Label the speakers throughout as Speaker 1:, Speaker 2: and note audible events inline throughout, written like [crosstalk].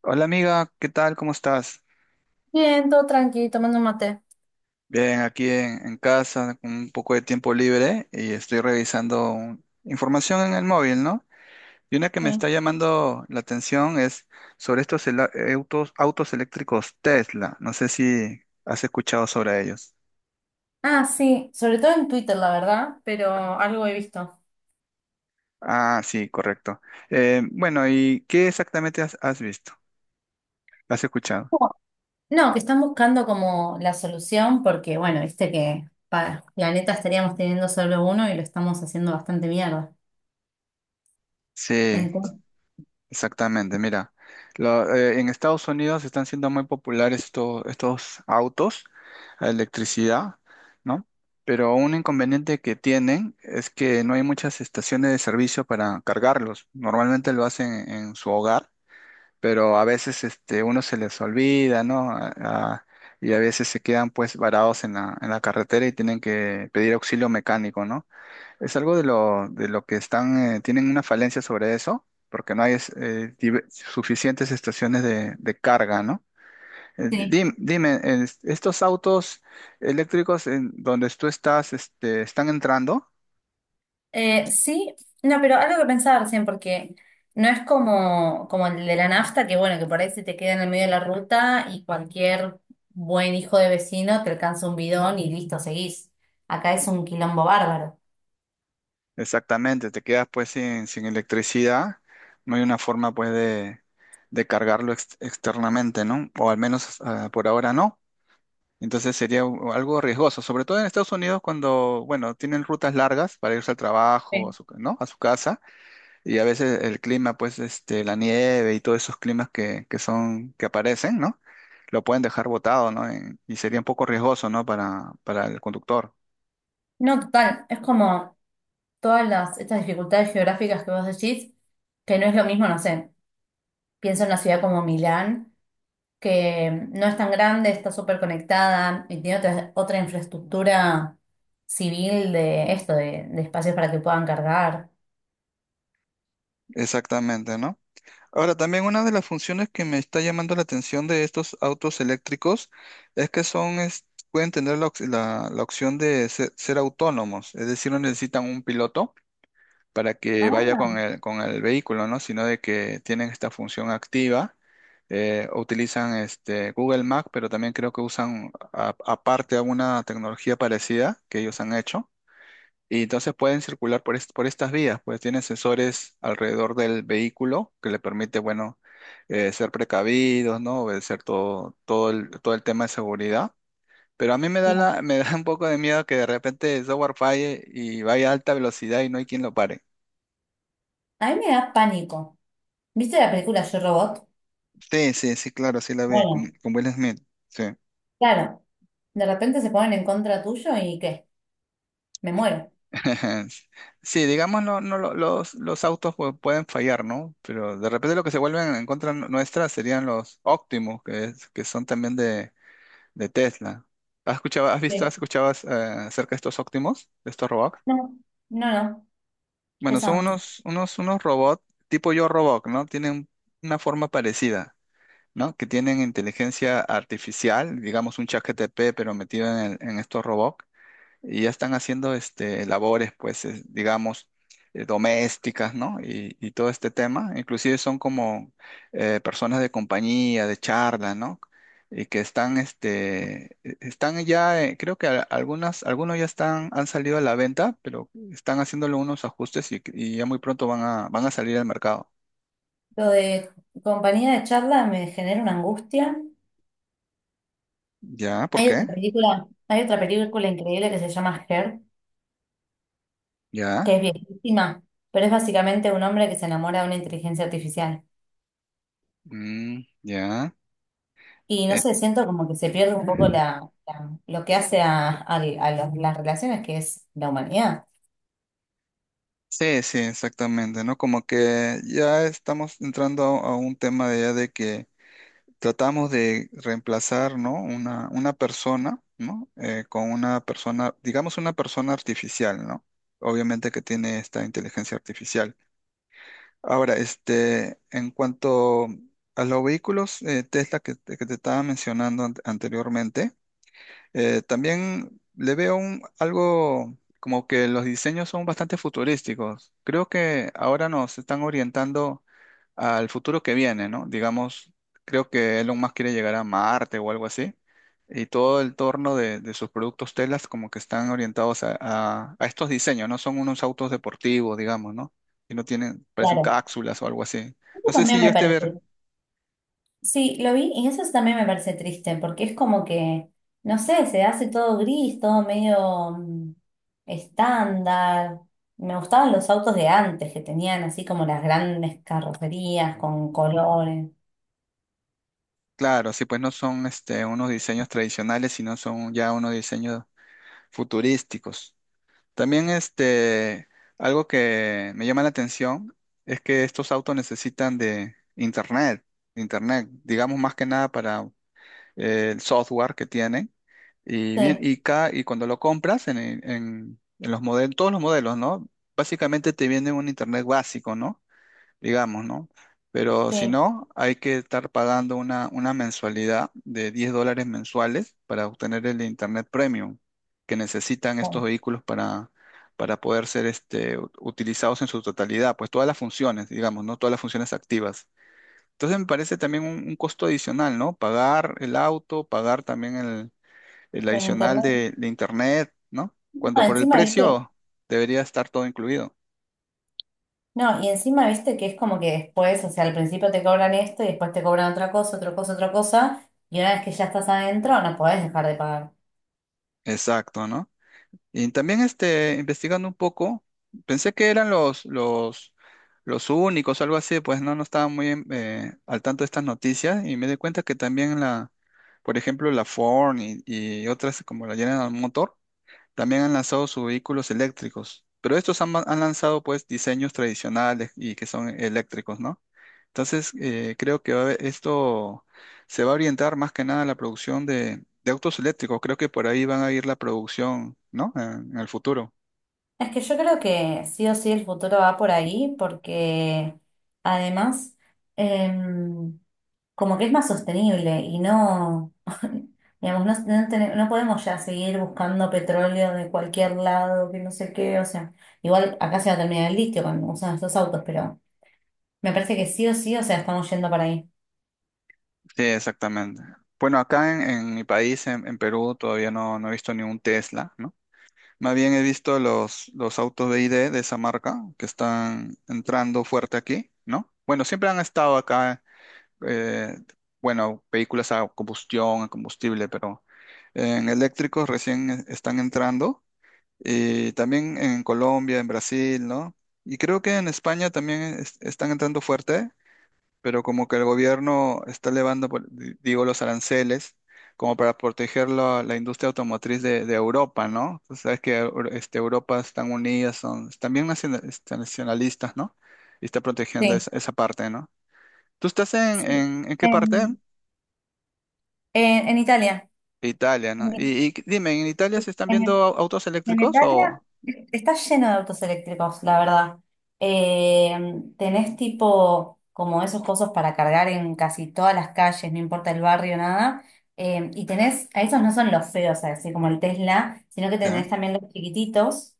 Speaker 1: Hola amiga, ¿qué tal? ¿Cómo estás?
Speaker 2: Bien, todo tranquilo, tomando un mate.
Speaker 1: Bien, aquí en casa con un poco de tiempo libre y estoy revisando información en el móvil, ¿no? Y una que me
Speaker 2: Sí.
Speaker 1: está llamando la atención es sobre estos autos, autos eléctricos Tesla. No sé si has escuchado sobre ellos.
Speaker 2: Sí, sobre todo en Twitter, la verdad, pero algo he visto.
Speaker 1: Ah, sí, correcto. Bueno, ¿y qué exactamente has visto? ¿Has escuchado?
Speaker 2: No, que están buscando como la solución porque, bueno, viste que para planeta estaríamos teniendo solo uno y lo estamos haciendo bastante mierda.
Speaker 1: Sí,
Speaker 2: Entonces,
Speaker 1: exactamente, mira, en Estados Unidos están siendo muy populares estos autos a electricidad, ¿no? Pero un inconveniente que tienen es que no hay muchas estaciones de servicio para cargarlos. Normalmente lo hacen en su hogar, pero a veces este, uno se les olvida, ¿no? Y a veces se quedan pues varados en en la carretera y tienen que pedir auxilio mecánico, ¿no? Es algo de de lo que están, tienen una falencia sobre eso, porque no hay suficientes estaciones de carga, ¿no? Eh,
Speaker 2: sí.
Speaker 1: Dime, ¿estos autos eléctricos en donde tú estás, este, están entrando?
Speaker 2: Eh, sí, no, pero algo que pensaba recién porque no es como, como el de la nafta, que bueno, que por ahí se te queda en el medio de la ruta y cualquier buen hijo de vecino te alcanza un bidón y listo, seguís. Acá es un quilombo bárbaro.
Speaker 1: Exactamente, te quedas pues sin electricidad, no hay una forma pues de cargarlo externamente, ¿no? O al menos ah, por ahora no. Entonces sería algo riesgoso, sobre todo en Estados Unidos cuando, bueno, tienen rutas largas para irse al trabajo,
Speaker 2: Sí.
Speaker 1: ¿no? A su casa, y a veces el clima, pues, este, la nieve y todos esos climas que son, que aparecen, ¿no? Lo pueden dejar botado, ¿no? Y sería un poco riesgoso, ¿no? Para el conductor.
Speaker 2: No, total, es como todas las, estas dificultades geográficas que vos decís, que no es lo mismo, no sé, pienso en una ciudad como Milán, que no es tan grande, está súper conectada y tiene otra, otra infraestructura civil de esto, de espacios para que puedan cargar.
Speaker 1: Exactamente, ¿no? Ahora, también una de las funciones que me está llamando la atención de estos autos eléctricos es que pueden tener la opción de ser autónomos, es decir, no necesitan un piloto para que vaya
Speaker 2: Ah,
Speaker 1: con con el vehículo, ¿no? Sino de que tienen esta función activa. Eh, utilizan este Google Mac, pero también creo que usan aparte alguna tecnología parecida que ellos han hecho. Y entonces pueden circular por estas vías, pues tienen sensores alrededor del vehículo que le permite, bueno, ser precavidos, ¿no? Obedecer todo, todo todo el tema de seguridad. Pero a mí me da
Speaker 2: no.
Speaker 1: la, [laughs] me da un poco de miedo que de repente el software falle y vaya a alta velocidad y no hay quien lo pare.
Speaker 2: A mí me da pánico. ¿Viste la película Yo Robot?
Speaker 1: Sí, sí, sí, claro, sí la ve,
Speaker 2: Bueno,
Speaker 1: con Will Smith. Sí,
Speaker 2: claro, de repente se ponen en contra tuyo y ¿qué? Me muero.
Speaker 1: [laughs] sí, digámoslo, no, no, los autos pueden fallar, ¿no? Pero de repente lo que se vuelven en contra nuestra serían los Optimus, que son también de Tesla. ¿Has escuchado, has visto,
Speaker 2: Sí.
Speaker 1: has escuchado acerca de estos Optimus, de estos robots?
Speaker 2: No, no, no, ¿qué
Speaker 1: Bueno, son
Speaker 2: son?
Speaker 1: unos, unos, unos robots tipo Yo Robot, ¿no? Tienen una forma parecida, ¿no? Que tienen inteligencia artificial, digamos un chat ChatGPT, pero metido en estos robots y ya están haciendo este, labores, pues, digamos, domésticas, ¿no? Y todo este tema, inclusive son como personas de compañía, de charla, ¿no? Y que están, este, están ya, creo que algunos ya están, han salido a la venta, pero están haciéndole unos ajustes y ya muy pronto van a, van a salir al mercado.
Speaker 2: Lo de compañía de charla me genera una angustia.
Speaker 1: ¿Ya? ¿Por qué?
Speaker 2: Hay otra película increíble que se llama Her, que es
Speaker 1: ¿Ya?
Speaker 2: viejísima, pero es básicamente un hombre que se enamora de una inteligencia artificial.
Speaker 1: Mm, ¿ya?
Speaker 2: Y no
Speaker 1: Eh,
Speaker 2: sé, siento como que se pierde un poco la, la- lo que hace a, al- a los- las relaciones, que es la humanidad.
Speaker 1: sí, sí, exactamente, ¿no? Como que ya estamos entrando a un tema de ya de que tratamos de reemplazar, ¿no? Una persona, ¿no? Con una persona, digamos una persona artificial, ¿no? Obviamente que tiene esta inteligencia artificial. Ahora, este, en cuanto a los vehículos Tesla que te estaba mencionando anteriormente, también le veo un, algo como que los diseños son bastante futurísticos. Creo que ahora nos están orientando al futuro que viene, ¿no? Digamos, creo que Elon Musk quiere llegar a Marte o algo así. Y todo el torno de sus productos telas como que están orientados a, a estos diseños, ¿no? Son unos autos deportivos, digamos, ¿no? Y no tienen, parecen
Speaker 2: Claro,
Speaker 1: cápsulas o algo así.
Speaker 2: eso
Speaker 1: No sé si
Speaker 2: también me
Speaker 1: llegaste a ver.
Speaker 2: parece. Sí, lo vi y eso también me parece triste, porque es como que, no sé, se hace todo gris, todo medio estándar. Me gustaban los autos de antes, que tenían así como las grandes carrocerías con colores.
Speaker 1: Claro, sí, pues no son este, unos diseños tradicionales, sino son ya unos diseños futurísticos. También este, algo que me llama la atención es que estos autos necesitan de internet, internet, digamos más que nada para el software que tienen.
Speaker 2: Sí,
Speaker 1: Y cuando lo compras en los modelos, todos los modelos, ¿no? Básicamente te viene un internet básico, ¿no? Digamos, ¿no? Pero si
Speaker 2: sí,
Speaker 1: no, hay que estar pagando una mensualidad de $10 mensuales para obtener el Internet Premium que necesitan estos
Speaker 2: con-
Speaker 1: vehículos para poder ser este, utilizados en su totalidad, pues todas las funciones, digamos, ¿no? Todas las funciones activas. Entonces me parece también un costo adicional, ¿no? Pagar el auto, pagar también el
Speaker 2: en
Speaker 1: adicional
Speaker 2: internet.
Speaker 1: de internet, ¿no?
Speaker 2: No,
Speaker 1: Cuando por el
Speaker 2: encima, viste,
Speaker 1: precio debería estar todo incluido.
Speaker 2: no, y encima, viste que es como que después, o sea, al principio te cobran esto y después te cobran otra cosa, otra cosa, otra cosa, y una vez que ya estás adentro, no podés dejar de pagar.
Speaker 1: Exacto, ¿no? Y también este, investigando un poco, pensé que eran los únicos, algo así, pues no, no estaba muy al tanto de estas noticias y me di cuenta que también la, por ejemplo, la Ford y otras como la General Motors también han lanzado sus vehículos eléctricos, pero estos han, han lanzado pues diseños tradicionales y que son eléctricos, ¿no? Entonces, creo que va a esto se va a orientar más que nada a la producción de autos eléctricos. Creo que por ahí van a ir la producción, ¿no? En el futuro.
Speaker 2: Es que yo creo que sí o sí el futuro va por ahí porque además em, como que es más sostenible y no, [laughs] digamos, no, no podemos ya seguir buscando petróleo de cualquier lado, que no sé qué, o sea, igual acá se va a terminar el litio cuando usan estos autos, pero me parece que sí o sí, o sea, estamos yendo para ahí.
Speaker 1: Sí, exactamente. Bueno, acá en mi país, en Perú, todavía no, no he visto ni un Tesla, ¿no? Más bien he visto los autos de ID de esa marca que están entrando fuerte aquí, ¿no? Bueno, siempre han estado acá eh, bueno, vehículos a combustión, a combustible, pero en eléctricos recién están entrando y también en Colombia, en Brasil, ¿no? Y creo que en España también están entrando fuerte, pero como que el gobierno está elevando, digo, los aranceles como para proteger la, la industria automotriz de Europa, ¿no? Tú sabes que Europa están unidas, son, están bien nacionalistas, ¿no? Y está protegiendo
Speaker 2: Sí,
Speaker 1: esa, esa parte, ¿no? ¿Tú estás
Speaker 2: sí.
Speaker 1: en qué parte?
Speaker 2: En, en Italia,
Speaker 1: Italia, ¿no?
Speaker 2: en,
Speaker 1: Y dime, ¿en Italia se están viendo
Speaker 2: en
Speaker 1: autos eléctricos
Speaker 2: Venetania
Speaker 1: o...?
Speaker 2: está lleno de autos eléctricos, la verdad. Eh, tenés tipo como esos cosos para cargar en casi todas las calles, no importa el barrio, nada. Y tenés, a esos no son los feos, así como el Tesla, sino que tenés
Speaker 1: Ya,
Speaker 2: también los chiquititos,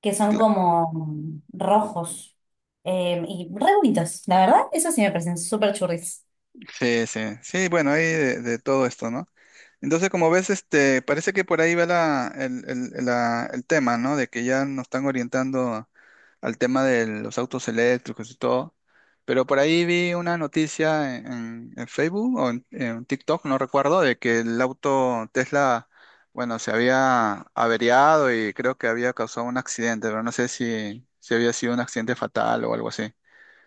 Speaker 2: que son como rojos y re bonitos. La verdad, eso sí me parecen súper churris.
Speaker 1: sí, sí, sí, bueno, hay de todo esto, ¿no? Entonces, como ves, este, parece que por ahí va la, el, el tema, ¿no? De que ya nos están orientando al tema de los autos eléctricos y todo. Pero por ahí vi una noticia en, en Facebook o en TikTok, no recuerdo, de que el auto Tesla, bueno, se había averiado y creo que había causado un accidente, pero no sé si, si había sido un accidente fatal o algo así.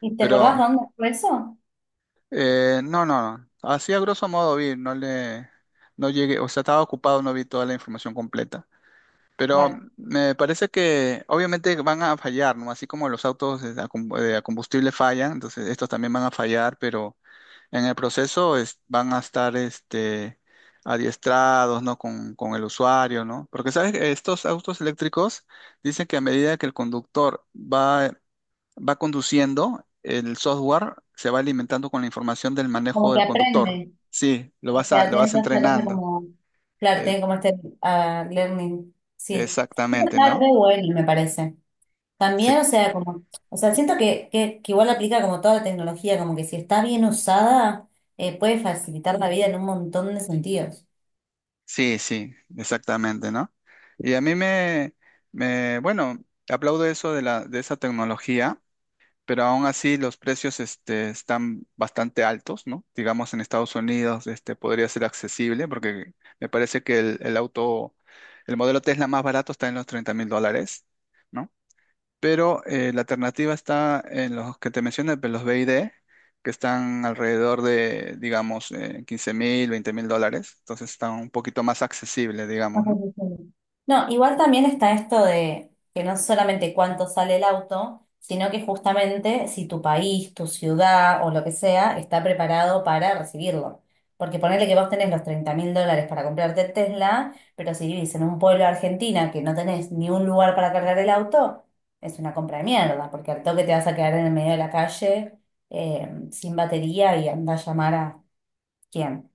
Speaker 2: ¿Y te acordás
Speaker 1: Pero
Speaker 2: dónde fue eso?
Speaker 1: no, no, no. Así a grosso modo vi, no le, no llegué, o sea, estaba ocupado, no vi toda la información completa. Pero
Speaker 2: Claro,
Speaker 1: me parece que obviamente van a fallar, ¿no? Así como los autos de a combustible fallan, entonces estos también van a fallar, pero en el proceso van a estar este, adiestrados, ¿no? Con el usuario, ¿no? Porque, ¿sabes? Estos autos eléctricos dicen que a medida que el conductor va conduciendo, el software se va alimentando con la información del manejo
Speaker 2: como que
Speaker 1: del conductor.
Speaker 2: aprende.
Speaker 1: Sí, lo
Speaker 2: O sea,
Speaker 1: lo
Speaker 2: tiene
Speaker 1: vas
Speaker 2: que hacer cosa
Speaker 1: entrenando.
Speaker 2: como, claro,
Speaker 1: Eh,
Speaker 2: tiene como este ah, learning, sí. Eso
Speaker 1: exactamente,
Speaker 2: está re
Speaker 1: ¿no?
Speaker 2: bueno, me parece. También,
Speaker 1: Sí,
Speaker 2: o sea, como, o sea, siento que igual aplica como toda la tecnología, como que si está bien usada, puede facilitar la vida en un montón de sentidos.
Speaker 1: sí, sí, exactamente, ¿no? Y a mí me, bueno, aplaudo eso de la, de esa tecnología, pero aún así los precios, este, están bastante altos, ¿no? Digamos en Estados Unidos, este, podría ser accesible, porque me parece que el auto, el modelo Tesla más barato está en los $30.000. ¿No? Pero la alternativa está en los que te mencioné, pues, los BID, que están alrededor de, digamos, 15 mil, 20 mil dólares, entonces están un poquito más accesibles,
Speaker 2: No,
Speaker 1: digamos,
Speaker 2: pues,
Speaker 1: ¿no?
Speaker 2: sí, sí. No, igual también está esto de que no solamente cuánto sale el auto, sino que justamente si tu país, tu ciudad o lo que sea está preparado para recibirlo. Porque ponerle que vos tenés los 30.000 dólares para comprarte el Tesla, pero si vivís en un pueblo de Argentina que no tenés ni un lugar para cargar el auto, es una compra de mierda, porque al toque te vas a quedar en el medio de la calle sin batería y anda a llamar a quién.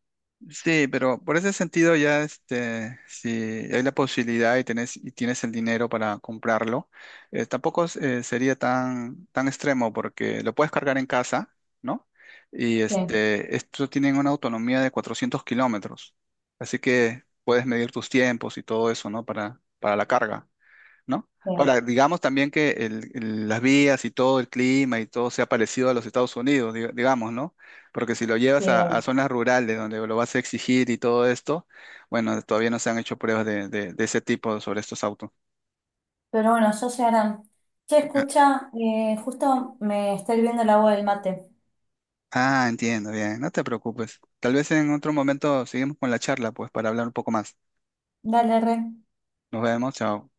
Speaker 1: Sí, pero por ese sentido ya, este, si hay la posibilidad y tenés, y tienes el dinero para comprarlo, tampoco es- sería tan, tan extremo porque lo puedes cargar en casa, ¿no? Y
Speaker 2: Sí,
Speaker 1: este, esto tienen una autonomía de 400 km, así que puedes medir tus tiempos y todo eso, ¿no? Para la carga. ¿No?
Speaker 2: sí,
Speaker 1: Ahora, digamos también que el- las vías y todo el clima y todo sea parecido a los Estados Unidos, digamos, ¿no? Porque si lo
Speaker 2: sí.
Speaker 1: llevas a zonas rurales donde lo vas a exigir y todo esto, bueno, todavía no se han hecho pruebas de, de ese tipo sobre estos autos.
Speaker 2: Pero bueno, yo se harán. Che,
Speaker 1: Ah,
Speaker 2: escucha, justo me está hirviendo el agua del mate.
Speaker 1: ah, entiendo, bien, no te preocupes. Tal vez en otro momento seguimos con la charla, pues, para hablar un poco más.
Speaker 2: Dale, re.
Speaker 1: Nos vemos, chao.